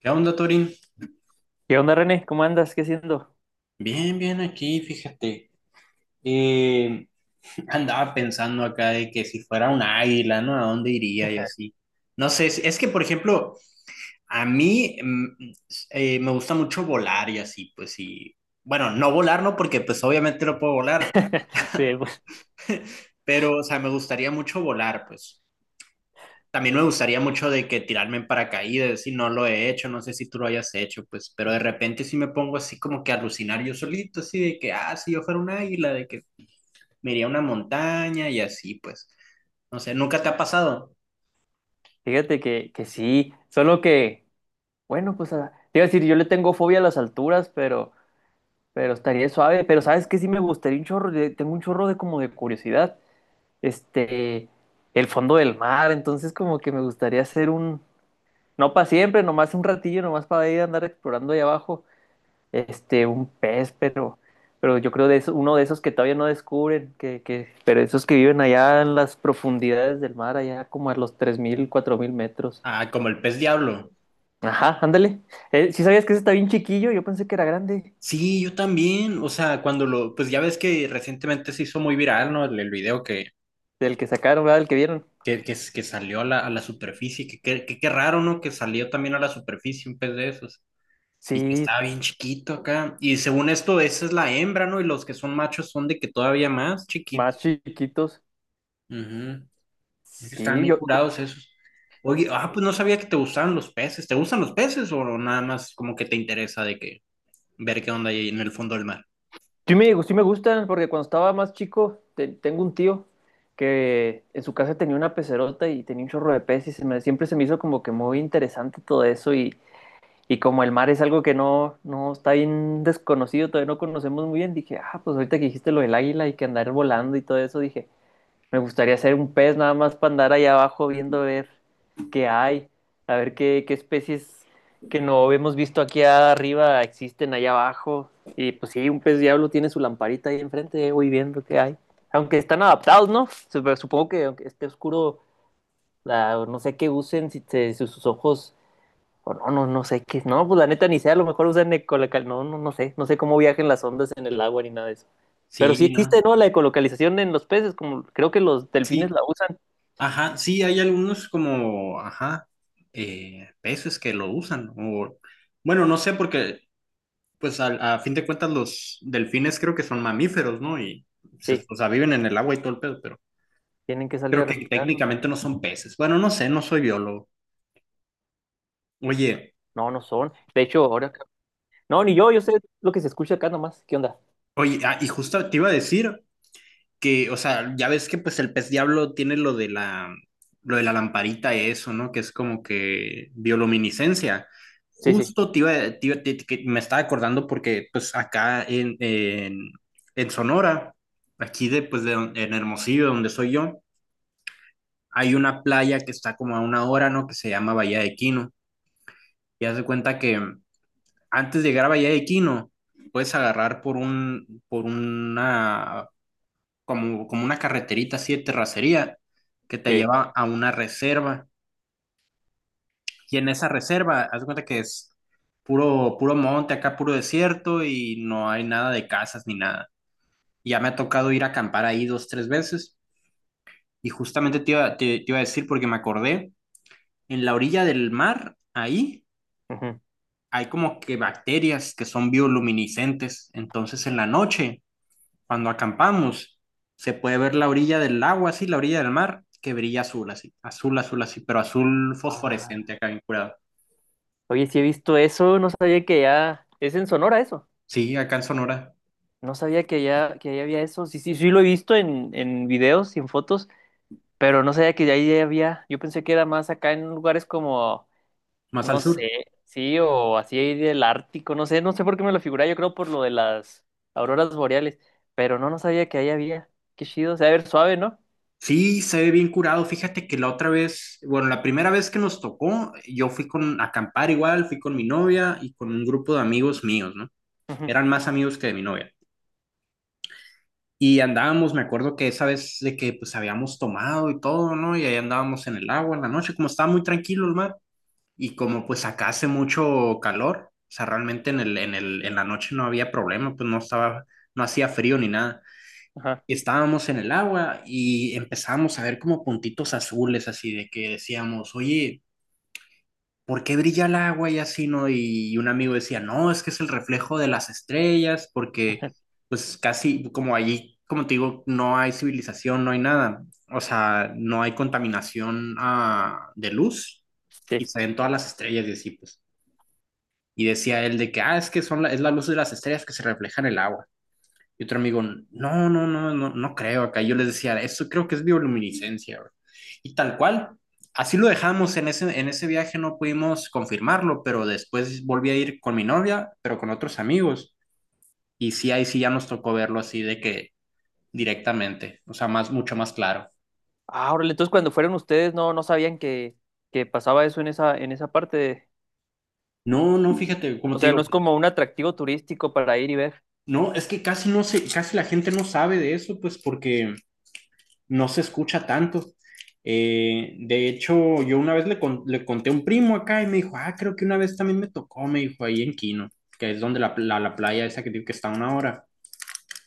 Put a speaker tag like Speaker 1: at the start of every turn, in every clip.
Speaker 1: ¿Qué onda, Torin?
Speaker 2: ¿Qué onda, René? ¿Cómo andas? ¿Qué haciendo?
Speaker 1: Bien, bien aquí, fíjate. Eh, andaba pensando acá de que si fuera un águila, ¿no? ¿A dónde iría y así? No sé, es que, por ejemplo, a mí me gusta mucho volar y así, pues sí. Bueno, no volar, no, porque pues obviamente no puedo volar,
Speaker 2: Sí, pues
Speaker 1: pero, o sea, me gustaría mucho volar, pues. También me gustaría mucho de que tirarme en paracaídas, si no lo he hecho, no sé si tú lo hayas hecho, pues, pero de repente sí me pongo así como que a alucinar yo solito, así de que, ah, si yo fuera un águila, de que me iría a una montaña y así, pues. No sé, ¿nunca te ha pasado?
Speaker 2: fíjate que sí, solo que, bueno, pues te iba a decir, yo le tengo fobia a las alturas, pero estaría suave, pero sabes que sí me gustaría un chorro, tengo un chorro de como de curiosidad, este, el fondo del mar, entonces como que me gustaría hacer un, no para siempre, nomás un ratillo, nomás para ir a andar explorando ahí abajo, este, un pez, pero yo creo de eso, uno de esos que todavía no descubren, pero esos que viven allá en las profundidades del mar, allá como a los 3000 4000 metros.
Speaker 1: Ah, como el pez diablo.
Speaker 2: Ajá, ándale. Si sabías que ese está bien chiquillo, yo pensé que era grande,
Speaker 1: Sí, yo también, o sea, cuando lo, pues ya ves que recientemente se hizo muy viral, ¿no? El video que,
Speaker 2: del que sacaron, ¿verdad? Del que vieron.
Speaker 1: que, que, que salió a la superficie, que qué raro, ¿no? Que salió también a la superficie un pez de esos y que
Speaker 2: Sí,
Speaker 1: estaba bien chiquito acá. Y según esto, esa es la hembra, ¿no? Y los que son machos son de que todavía más
Speaker 2: más
Speaker 1: chiquitos.
Speaker 2: chiquitos.
Speaker 1: Ujú. Están
Speaker 2: Sí,
Speaker 1: bien
Speaker 2: yo,
Speaker 1: curados esos. Oye, ah, pues no sabía que te gustaban los peces. ¿Te gustan los peces o nada más como que te interesa de que ver qué onda hay en el fondo del mar?
Speaker 2: sí me gustan, porque cuando estaba más chico, tengo un tío que en su casa tenía una pecerota y tenía un chorro de peces y siempre se me hizo como que muy interesante todo eso y como el mar es algo que no está bien desconocido, todavía no conocemos muy bien, dije, ah, pues ahorita que dijiste lo del águila y que andar volando y todo eso, dije, me gustaría ser un pez nada más para andar ahí abajo viendo a ver qué hay, a ver qué especies que no hemos visto aquí arriba existen allá abajo. Y pues sí, un pez diablo tiene su lamparita ahí enfrente, voy viendo qué hay. Aunque están adaptados, ¿no? Supongo que aunque esté oscuro, no sé qué usen, si te si sus ojos o no, no, no sé qué. No, pues la neta ni sé, a lo mejor usan ecolocal. No sé. No sé cómo viajan las ondas en el agua ni nada de eso. Pero sí
Speaker 1: Sí, no,
Speaker 2: existe, ¿no? La ecolocalización en los peces, como creo que los delfines
Speaker 1: sí,
Speaker 2: la usan.
Speaker 1: ajá, sí, hay algunos como, ajá, peces que lo usan. O, bueno, no sé, porque pues a fin de cuentas los delfines creo que son mamíferos, ¿no? Y
Speaker 2: Sí,
Speaker 1: o sea, viven en el agua y todo el pedo, pero
Speaker 2: tienen que salir a
Speaker 1: creo que
Speaker 2: respirar. No,
Speaker 1: técnicamente no son peces. Bueno, no sé, no soy biólogo. Oye,
Speaker 2: no, no son. De hecho, ahora. No, ni yo, yo sé lo que se escucha acá nomás. ¿Qué onda?
Speaker 1: oye, ah, y justo te iba a decir. Que, o sea, ya ves que pues el pez diablo tiene lo de lo de la lamparita y eso, ¿no? Que es como que bioluminiscencia.
Speaker 2: Sí, sí,
Speaker 1: Justo que me estaba acordando porque pues acá en Sonora, aquí de, pues, de, en Hermosillo, donde soy yo, hay una playa que está como a una hora, ¿no? Que se llama Bahía de Quino. Y haz de cuenta que antes de llegar a Bahía de Quino, puedes agarrar por una, como una carreterita así de terracería que te
Speaker 2: sí.
Speaker 1: lleva a una reserva. Y en esa reserva, haz de cuenta que es puro monte, acá puro desierto y no hay nada de casas ni nada. Ya me ha tocado ir a acampar ahí dos, tres veces y justamente te iba a decir porque me acordé, en la orilla del mar, ahí
Speaker 2: Ujú.
Speaker 1: hay como que bacterias que son bioluminiscentes. Entonces en la noche cuando acampamos, se puede ver la orilla del agua, así, la orilla del mar, que brilla azul, así, azul, azul, así, pero azul
Speaker 2: Ah,
Speaker 1: fosforescente acá bien curado.
Speaker 2: oye, sí he visto eso, no sabía que ya. Es en Sonora eso.
Speaker 1: Sí, acá en Sonora,
Speaker 2: No sabía que ya había eso. Sí, sí, sí lo he visto en videos y en fotos. Pero no sabía que de ahí había, yo pensé que era más acá en lugares como,
Speaker 1: más al
Speaker 2: no
Speaker 1: sur.
Speaker 2: sé, sí, o así ahí del Ártico, no sé, no sé por qué me lo figuré, yo creo por lo de las auroras boreales, pero no, no sabía que ahí había, qué chido, o sea, a ver, suave, ¿no?
Speaker 1: Sí, se ve bien curado. Fíjate que la otra vez, bueno, la primera vez que nos tocó, yo fui con a acampar igual, fui con mi novia y con un grupo de amigos míos, ¿no?
Speaker 2: Ujú.
Speaker 1: Eran más amigos que de mi novia. Y andábamos, me acuerdo que esa vez de que pues habíamos tomado y todo, ¿no? Y ahí andábamos en el agua en la noche, como estaba muy tranquilo el mar. Y como pues acá hace mucho calor, o sea, realmente en la noche no había problema, pues no estaba, no hacía frío ni nada.
Speaker 2: Ajá.
Speaker 1: Y estábamos en el agua y empezábamos a ver como puntitos azules, así de que decíamos, oye, ¿por qué brilla el agua y así, no? Y un amigo decía, no, es que es el reflejo de las estrellas, porque pues casi como allí, como te digo, no hay civilización, no hay nada, o sea, no hay contaminación de luz y
Speaker 2: Sí.
Speaker 1: se ven todas las estrellas y así, pues. Y decía él de que, ah, es que son la, es la luz de las estrellas que se refleja en el agua. Y otro amigo, no, no creo acá. Yo les decía, eso creo que es bioluminiscencia, bro". Y tal cual, así lo dejamos en ese viaje, no pudimos confirmarlo, pero después volví a ir con mi novia, pero con otros amigos. Y sí, ahí sí ya nos tocó verlo así de que directamente, o sea, más, mucho más claro.
Speaker 2: Ah, órale, entonces cuando fueron ustedes no, no sabían que pasaba eso en esa parte de-
Speaker 1: No, no, fíjate, como
Speaker 2: o
Speaker 1: te
Speaker 2: sea, no
Speaker 1: digo,
Speaker 2: es como un atractivo turístico para ir y ver,
Speaker 1: no, es que casi no sé, casi la gente no sabe de eso, pues porque no se escucha tanto. De hecho, yo una vez le conté a un primo acá y me dijo, ah, creo que una vez también me tocó, me dijo, ahí en Quino, que es donde la playa esa que digo que está a una hora,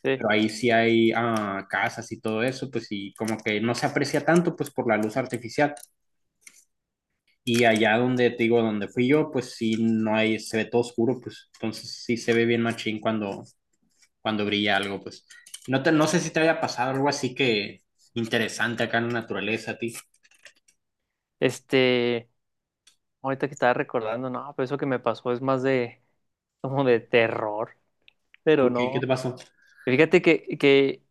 Speaker 2: sí.
Speaker 1: pero ahí sí hay casas y todo eso, pues y como que no se aprecia tanto, pues por la luz artificial. Y allá donde te digo, donde fui yo, pues sí, no hay, se ve todo oscuro, pues entonces sí se ve bien machín cuando, cuando brilla algo, pues. No, no sé si te haya pasado algo así que interesante acá en la naturaleza a ti.
Speaker 2: Este, ahorita que estaba recordando, no, pero eso que me pasó es más de, como de terror. Pero
Speaker 1: Ok, ¿qué te
Speaker 2: no.
Speaker 1: pasó?
Speaker 2: Fíjate que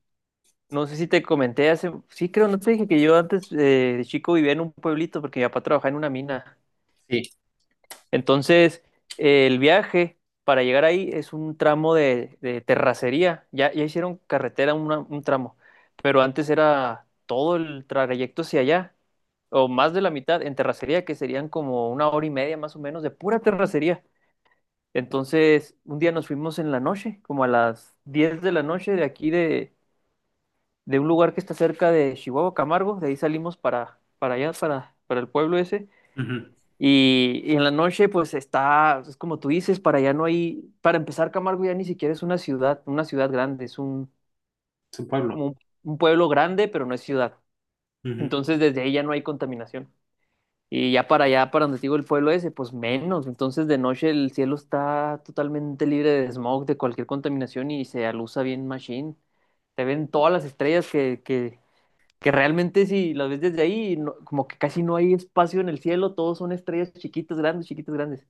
Speaker 2: no sé si te comenté hace, sí creo, no te dije que yo antes de chico vivía en un pueblito porque mi papá trabajaba en una mina.
Speaker 1: Sí.
Speaker 2: Entonces, el viaje para llegar ahí es un tramo de terracería. Ya hicieron carretera un tramo, pero antes era todo el trayecto hacia allá, o más de la mitad en terracería, que serían como una hora y media más o menos de pura terracería. Entonces, un día nos fuimos en la noche, como a las 10 de la noche de aquí de un lugar que está cerca de Chihuahua, Camargo, de ahí salimos para allá, para el pueblo ese.
Speaker 1: Ujú.
Speaker 2: Y en la noche, pues está, es como tú dices, para allá no hay, para empezar, Camargo ya ni siquiera es una ciudad grande, es un,
Speaker 1: Es un pueblo.
Speaker 2: como un pueblo grande, pero no es ciudad.
Speaker 1: Ujú.
Speaker 2: Entonces desde ahí ya no hay contaminación. Y ya para allá, para donde te digo el pueblo ese, pues menos. Entonces de noche el cielo está totalmente libre de smog, de cualquier contaminación y se alusa bien machine. Se ven todas las estrellas que realmente si las ves desde ahí, como que casi no hay espacio en el cielo, todos son estrellas chiquitas, grandes, chiquitas, grandes.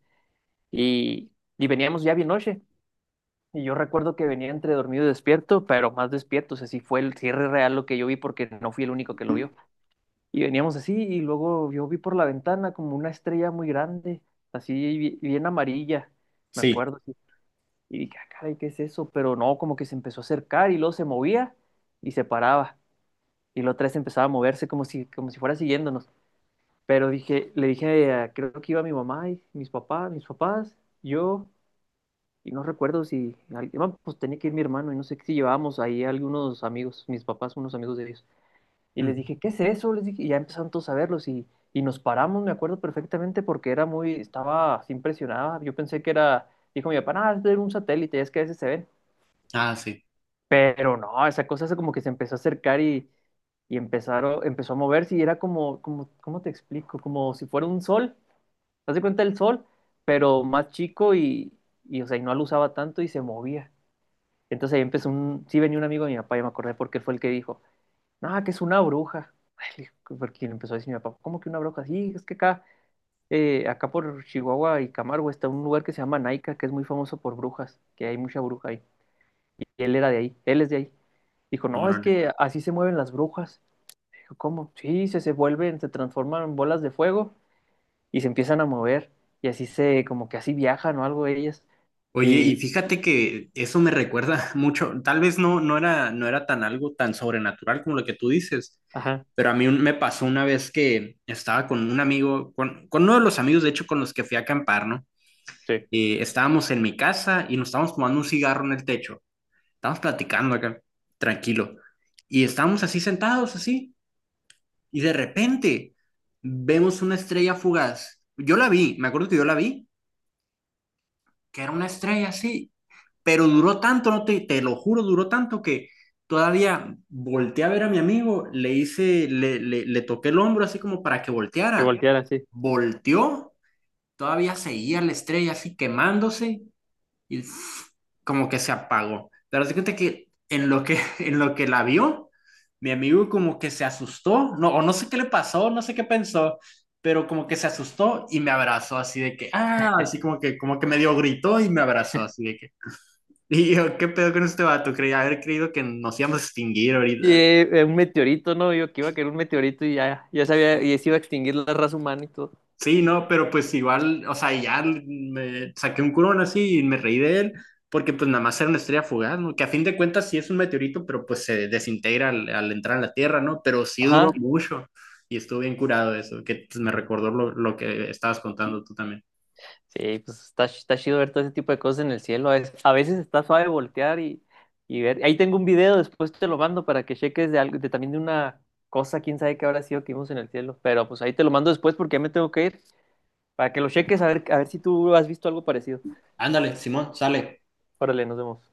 Speaker 2: Y, y veníamos ya bien noche. Y yo recuerdo que venía entre dormido y despierto, pero más despierto, o sea, sí fue el cierre real lo que yo vi porque no fui el único que lo vio. Y veníamos así y luego yo vi por la ventana como una estrella muy grande, así bien amarilla, me
Speaker 1: Sí.
Speaker 2: acuerdo. Así. Y dije, "Ah, caray, ¿qué es eso?" Pero no, como que se empezó a acercar y luego se movía y se paraba. Y luego otra vez empezaba a moverse como si fuera siguiéndonos. Pero dije, le dije, a- creo que iba mi mamá y mis papás, yo, y no recuerdo si, pues tenía que ir mi hermano, y no sé si llevábamos ahí algunos amigos, mis papás, unos amigos de ellos. Y
Speaker 1: Ujú.
Speaker 2: les dije, ¿qué es eso? Les dije, y ya empezaron todos a verlos, y nos paramos, me acuerdo perfectamente, porque era muy, estaba así impresionada. Yo pensé que era, dijo mi papá, ah, es de un satélite, es que a veces se ven.
Speaker 1: Ah, sí.
Speaker 2: Pero no, esa cosa se como que se empezó a acercar y, empezó a moverse, y era como, como, ¿cómo te explico? Como si fuera un sol. Haz de cuenta el sol, pero más chico y, o sea, y no lo usaba tanto y se movía. Entonces ahí empezó un, sí venía un amigo de mi papá, ya me acordé porque fue el que dijo, no, que es una bruja. Ay, le digo, porque le empezó a decir mi papá, ¿cómo que una bruja? Sí, es que acá, acá por Chihuahua y Camargo está un lugar que se llama Naica, que es muy famoso por brujas, que hay mucha bruja ahí. Y él era de ahí, él es de ahí. Dijo, no, es
Speaker 1: Órale.
Speaker 2: que así se mueven las brujas. Dijo, ¿cómo? Sí, se vuelven, se transforman en bolas de fuego y se empiezan a mover y así se, como que así viajan o algo ellas
Speaker 1: Oye, y
Speaker 2: y,
Speaker 1: fíjate que eso me recuerda mucho, tal vez no, no era, no era tan algo tan sobrenatural como lo que tú dices,
Speaker 2: ajá,
Speaker 1: pero a mí me pasó una vez que estaba con un amigo, con uno de los amigos, de hecho, con los que fui a acampar, ¿no?
Speaker 2: sí,
Speaker 1: Estábamos en mi casa y nos estábamos fumando un cigarro en el techo, estábamos platicando acá, tranquilo, y estábamos así sentados, así. Y de repente vemos una estrella fugaz. Yo la vi, me acuerdo que yo la vi, que era una estrella así, pero duró tanto, no te lo juro, duró tanto que todavía volteé a ver a mi amigo, le hice, le toqué el hombro así como para que
Speaker 2: que
Speaker 1: volteara.
Speaker 2: voltearan así.
Speaker 1: Volteó, todavía seguía la estrella así quemándose y ¡fuf! Como que se apagó. Pero das cuenta que en lo que, en lo que la vio, mi amigo como que se asustó, no, o no sé qué le pasó, no sé qué pensó, pero como que se asustó y me abrazó así de que, ah, así como que medio gritó y me abrazó así de que. Y yo, ¿qué pedo con este vato? Creía haber creído que nos íbamos a extinguir
Speaker 2: Y
Speaker 1: ahorita.
Speaker 2: un meteorito, ¿no? Yo que iba a caer un meteorito y ya, ya sabía, y se iba a extinguir la raza humana y todo.
Speaker 1: Sí, no, pero pues igual, o sea, ya me saqué un curón así y me reí de él, porque pues nada más era una estrella fugaz, ¿no? Que a fin de cuentas sí es un meteorito, pero pues se desintegra al entrar en la Tierra, ¿no? Pero sí
Speaker 2: Ajá,
Speaker 1: duró mucho y estuve bien curado de eso, que pues, me recordó lo que estabas contando tú también.
Speaker 2: sí, pues está, está chido ver todo ese tipo de cosas en el cielo. A veces está suave voltear y ver. Ahí tengo un video, después te lo mando para que cheques de algo, de también de una cosa, quién sabe qué habrá sido que vimos en el cielo. Pero pues ahí te lo mando después porque ya me tengo que ir, para que lo cheques a ver si tú has visto algo parecido.
Speaker 1: Ándale, Simón, sale.
Speaker 2: Órale, nos vemos.